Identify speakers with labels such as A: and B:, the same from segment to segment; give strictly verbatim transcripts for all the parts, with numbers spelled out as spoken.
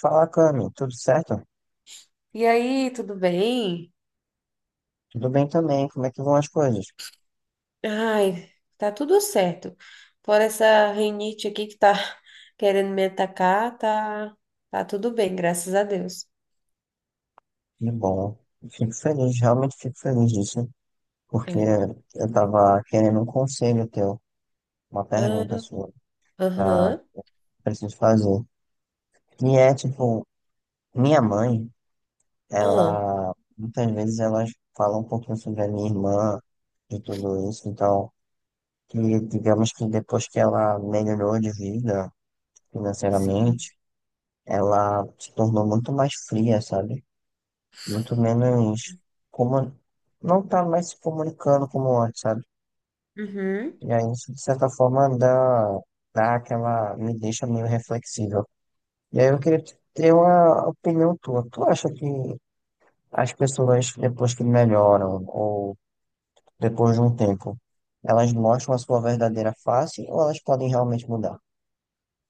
A: Fala, Cami, tudo certo?
B: E aí, tudo bem?
A: Tudo bem também, como é que vão as coisas?
B: Ai, tá tudo certo. Por essa rinite aqui que tá querendo me atacar, tá, tá tudo bem, graças a Deus.
A: Que bom, eu fico feliz, realmente fico feliz disso, porque
B: É.
A: eu tava querendo um conselho teu, uma pergunta
B: Ah,
A: sua, pra,
B: aham,
A: preciso fazer. E é tipo, minha mãe,
B: ah,
A: ela, muitas vezes elas falam um pouquinho sobre a minha irmã, de tudo isso, então, que digamos que depois que ela melhorou de vida
B: sim.
A: financeiramente, ela se tornou muito mais fria, sabe? Muito menos como não tá mais se comunicando como antes, sabe?
B: Uhum.
A: E aí, isso, de certa forma, dá, dá aquela, me deixa meio reflexível. E aí eu queria te- ter uma opinião tua. Tu acha que as pessoas, depois que melhoram, ou depois de um tempo, elas mostram a sua verdadeira face ou elas podem realmente mudar?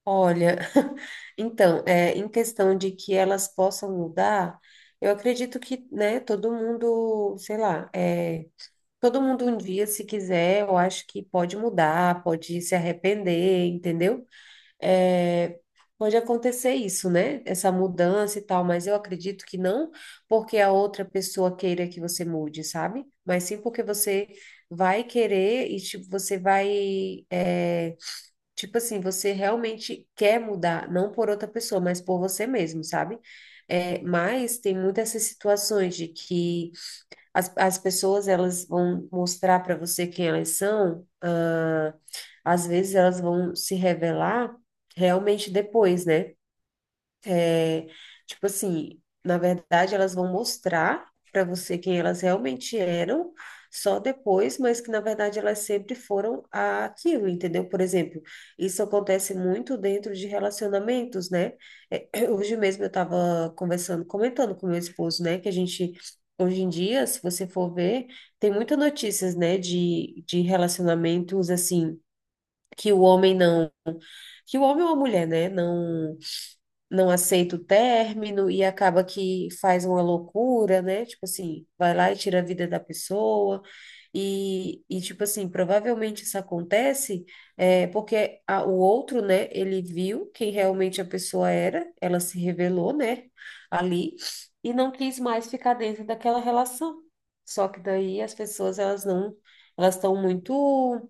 B: Olha, então, é, em questão de que elas possam mudar, eu acredito que, né, todo mundo, sei lá, é, todo mundo um dia, se quiser, eu acho que pode mudar, pode se arrepender, entendeu? é, Pode acontecer isso, né? Essa mudança e tal, mas eu acredito que não porque a outra pessoa queira que você mude, sabe? Mas sim porque você vai querer e tipo, você vai, é, tipo assim, você realmente quer mudar, não por outra pessoa, mas por você mesmo, sabe? É, mas tem muitas essas situações de que as, as pessoas, elas vão mostrar para você quem elas são, ah, às vezes elas vão se revelar realmente depois, né? É, tipo assim, na verdade, elas vão mostrar para você quem elas realmente eram só depois, mas que na verdade elas sempre foram aquilo, entendeu? Por exemplo, isso acontece muito dentro de relacionamentos, né? É, hoje mesmo eu estava conversando, comentando com meu esposo, né, que a gente. Hoje em dia, se você for ver, tem muitas notícias, né, de, de relacionamentos, assim, que o homem não, que o homem ou a mulher, né, não não aceita o término e acaba que faz uma loucura, né? Tipo assim, vai lá e tira a vida da pessoa. E, e tipo assim, provavelmente isso acontece é, porque a- o outro, né, ele viu quem realmente a pessoa era, ela se revelou, né, ali, e não quis mais ficar dentro daquela relação. Só que daí as pessoas, elas não, elas estão muito,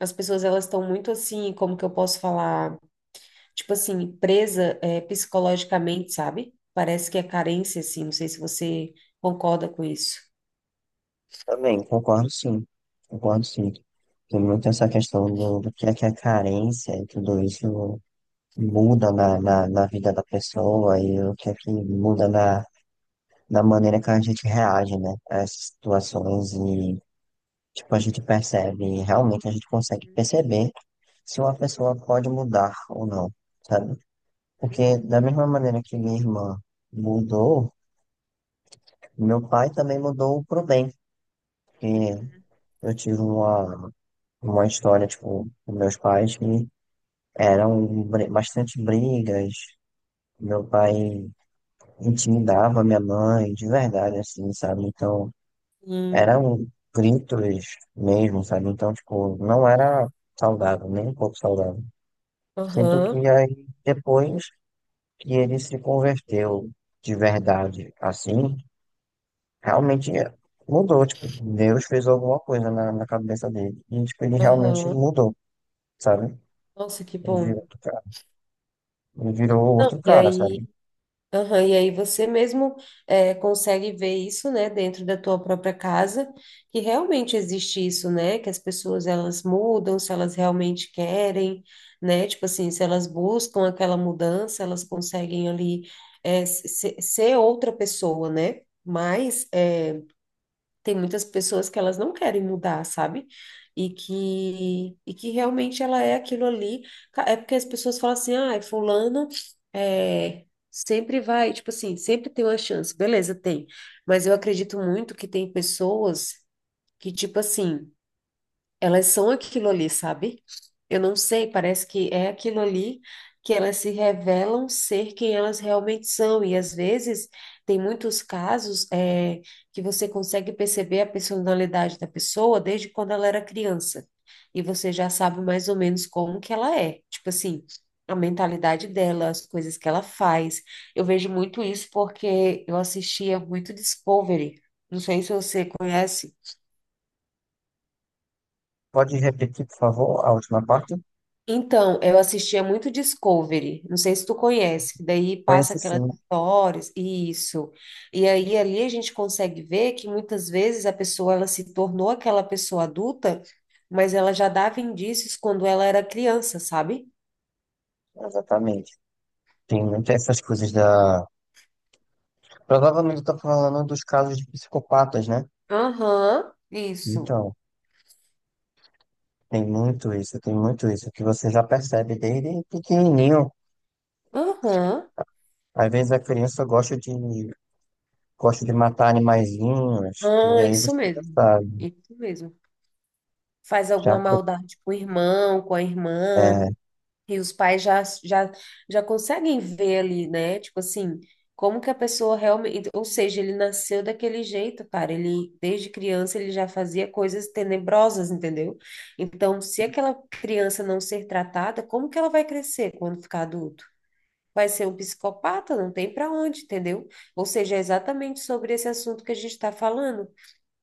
B: as pessoas, elas estão muito assim, como que eu posso falar? Tipo assim, presa é, psicologicamente, sabe? Parece que é carência, assim, não sei se você concorda com isso.
A: Também, concordo sim. Concordo sim. Tem muito essa questão do, do que é que é carência e tudo isso muda na, na,
B: Uhum,
A: na vida da pessoa e o que é que muda na, na maneira que a gente reage, né, a essas situações e, tipo, a gente percebe, realmente a gente consegue perceber se uma pessoa pode mudar ou não, sabe?
B: uhum,
A: Porque da mesma maneira que minha irmã mudou, meu pai também mudou pro bem, porque eu tive uma, uma história, tipo, com meus pais que eram bri- bastante brigas, meu pai intimidava minha mãe, de verdade, assim, sabe? Então,
B: uhum. Sim,
A: eram gritos mesmo, sabe? Então, tipo, não era saudável, nem um pouco saudável. Sinto que
B: aham,
A: aí, depois que ele se converteu de verdade, assim, realmente mudou, tipo, Deus fez alguma coisa na, na cabeça dele. E, tipo, ele realmente
B: aham.
A: mudou, sabe?
B: Nossa, que
A: Ele virou
B: bom.
A: outro cara. Ele virou
B: Não,
A: outro
B: e
A: cara,
B: aí.
A: sabe?
B: Aham, e aí você mesmo eh, consegue ver isso, né, dentro da tua própria casa, que realmente existe isso, né, que as pessoas elas mudam se elas realmente querem, né, tipo assim, se elas buscam aquela mudança, elas conseguem ali eh, se- se- ser outra pessoa, né, mas eh, tem muitas pessoas que elas não querem mudar, sabe? E que, e que realmente ela é aquilo ali. Ca- É porque as pessoas falam assim, ah, fulano é, sempre vai, tipo assim, sempre tem uma chance. Beleza, tem. Mas eu acredito muito que tem pessoas que, tipo assim, elas são aquilo ali, sabe? Eu não sei, parece que é aquilo ali que elas se revelam ser quem elas realmente são. E às vezes tem muitos casos é, que você consegue perceber a personalidade da pessoa desde quando ela era criança. E você já sabe mais ou menos como que ela é. Tipo assim, a mentalidade dela, as coisas que ela faz. Eu vejo muito isso porque eu assistia muito Discovery. Não sei se você conhece.
A: Pode repetir, por favor, a última parte?
B: Então, eu assistia muito Discovery, não sei se tu conhece, que daí passa
A: Conhece
B: aquelas
A: sim,
B: histórias, isso. E aí ali a gente consegue ver que muitas vezes a pessoa ela se tornou aquela pessoa adulta, mas ela já dava indícios quando ela era criança, sabe?
A: exatamente. Tem muitas essas coisas da. Provavelmente eu tô falando dos casos de psicopatas, né?
B: Aham, isso.
A: Então, tem muito isso, tem muito isso, que você já percebe desde pequenininho.
B: Aham.
A: Às vezes a criança gosta de, gosta de matar animaizinhos, e
B: Ah,
A: aí
B: isso
A: você já
B: mesmo.
A: sabe.
B: Isso mesmo. Faz
A: Já...
B: alguma
A: co-
B: maldade com o irmão, com a irmã. E os pais já, já, já conseguem ver ali, né? Tipo assim, como que a pessoa realmente. Ou seja, ele nasceu daquele jeito, cara. Ele, desde criança, ele já fazia coisas tenebrosas, entendeu? Então, se aquela criança não ser tratada, como que ela vai crescer quando ficar adulto? Vai ser um psicopata, não tem para onde, entendeu? Ou seja, é exatamente sobre esse assunto que a gente está falando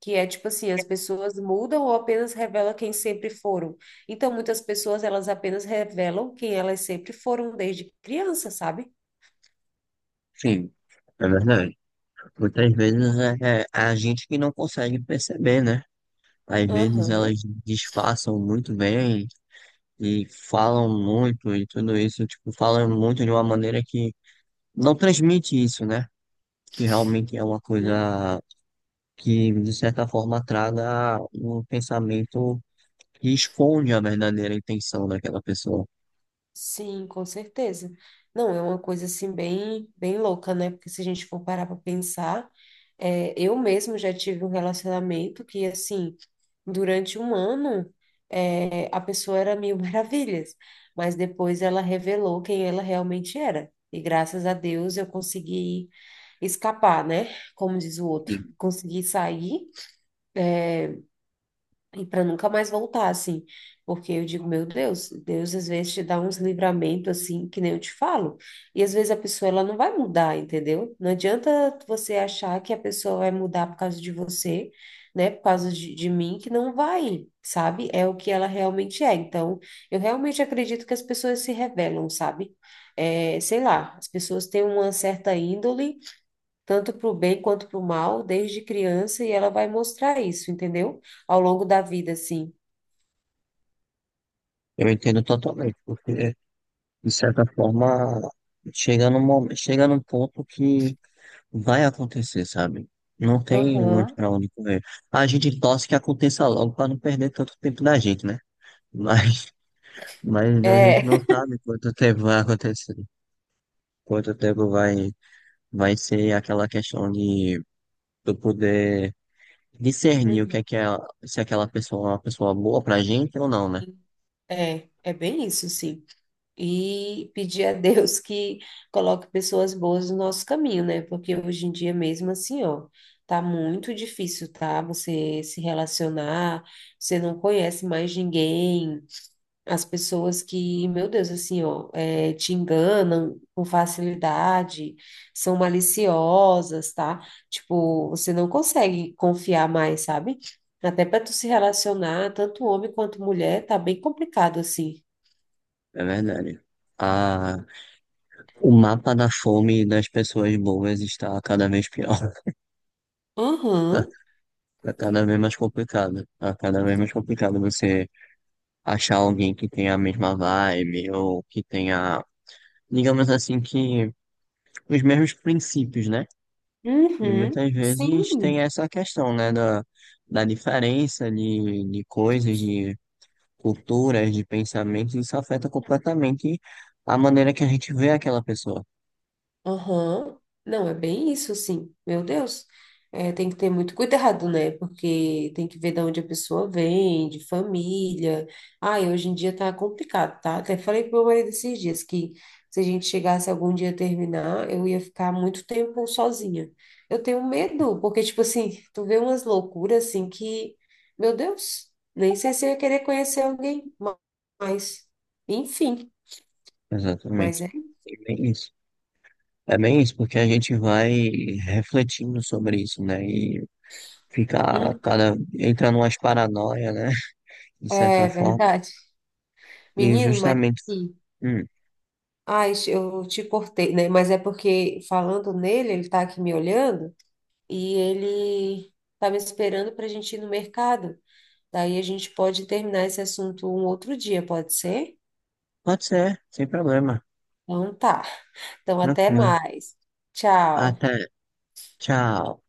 B: que é tipo assim, as pessoas mudam ou apenas revelam quem sempre foram. Então, muitas pessoas, elas apenas revelam quem elas sempre foram desde criança, sabe?
A: Sim, é verdade. Muitas vezes é, é a gente que não consegue perceber, né? Às vezes elas
B: Aham.
A: disfarçam muito bem e falam muito e tudo isso, tipo, falam muito de uma maneira que não transmite isso, né? Que realmente é uma
B: Hum.
A: coisa que, de certa forma, traga um pensamento que esconde a verdadeira intenção daquela pessoa.
B: Sim, com certeza. Não, é uma coisa assim bem, bem louca, né? Porque se a gente for parar para pensar, é, eu mesmo já tive um relacionamento que assim, durante um ano, é, a pessoa era mil maravilhas, mas depois ela revelou quem ela realmente era. E graças a Deus eu consegui escapar, né? Como diz o
A: E
B: outro, conseguir sair é, e para nunca mais voltar, assim. Porque eu digo, meu Deus, Deus às vezes te dá uns livramentos assim, que nem eu te falo. E às vezes a pessoa ela não vai mudar, entendeu? Não adianta você achar que a pessoa vai mudar por causa de você, né? Por causa de, de mim, que não vai, sabe? É o que ela realmente é. Então, eu realmente acredito que as pessoas se revelam, sabe? É, sei lá, as pessoas têm uma certa índole tanto para o bem quanto para o mal, desde criança, e ela vai mostrar isso, entendeu? Ao longo da vida, assim.
A: eu entendo totalmente, porque, de certa forma, chega num, mo- chega num ponto que vai acontecer, sabe? Não tem muito
B: Aham.
A: pra onde correr. A gente torce que aconteça logo pra não perder tanto tempo da gente, né? Mas, mas a gente
B: É.
A: não sabe quanto tempo vai acontecer, quanto tempo vai. Vai ser aquela questão de eu poder discernir o que
B: Uhum.
A: é que é, se aquela pessoa é uma pessoa boa pra gente ou não, né?
B: É, é bem isso, sim. E pedir a Deus que coloque pessoas boas no nosso caminho, né? Porque hoje em dia mesmo assim, ó, tá muito difícil, tá? Você se relacionar, você não conhece mais ninguém. As pessoas que, meu Deus, assim, ó, é, te enganam com facilidade, são maliciosas, tá? Tipo, você não consegue confiar mais, sabe? Até para tu se relacionar, tanto homem quanto mulher, tá bem complicado assim.
A: É verdade. Ah, o mapa da fome das pessoas boas está cada vez pior.
B: Aham,
A: Está cada vez mais complicado. Está cada vez mais complicado você achar alguém que tenha a mesma vibe ou que tenha, digamos assim, que os mesmos princípios, né? E
B: uhum,
A: muitas vezes tem
B: sim.
A: essa questão, né, da, da diferença de, de coisas, de culturas, de pensamentos, isso afeta completamente a maneira que a gente vê aquela pessoa.
B: Aham. Não, é bem isso, assim. Meu Deus. É, tem que ter muito cuidado, né? Porque tem que ver de onde a pessoa vem, de família. Ai, hoje em dia tá complicado, tá? Até falei pro meu marido esses dias que se a gente chegasse algum dia a terminar, eu ia ficar muito tempo sozinha. Eu tenho medo, porque, tipo assim, tu vê umas loucuras assim que, meu Deus, nem sei se eu ia querer conhecer alguém mais. Enfim, mas
A: Exatamente.
B: é.
A: É bem isso. É bem isso, porque a gente vai refletindo sobre isso, né? E fica
B: Hum,
A: cada, entra numas paranoia, né? De
B: é
A: certa forma.
B: verdade.
A: E
B: Menino, mas.
A: justamente,
B: Sim.
A: hum,
B: Ai, eu te cortei, né? Mas é porque falando nele, ele tá aqui me olhando e ele tá me esperando para a gente ir no mercado. Daí a gente pode terminar esse assunto um outro dia, pode ser?
A: pode ser, sem problema.
B: Então tá. Então até
A: Tranquilo.
B: mais. Tchau.
A: Até. Tchau.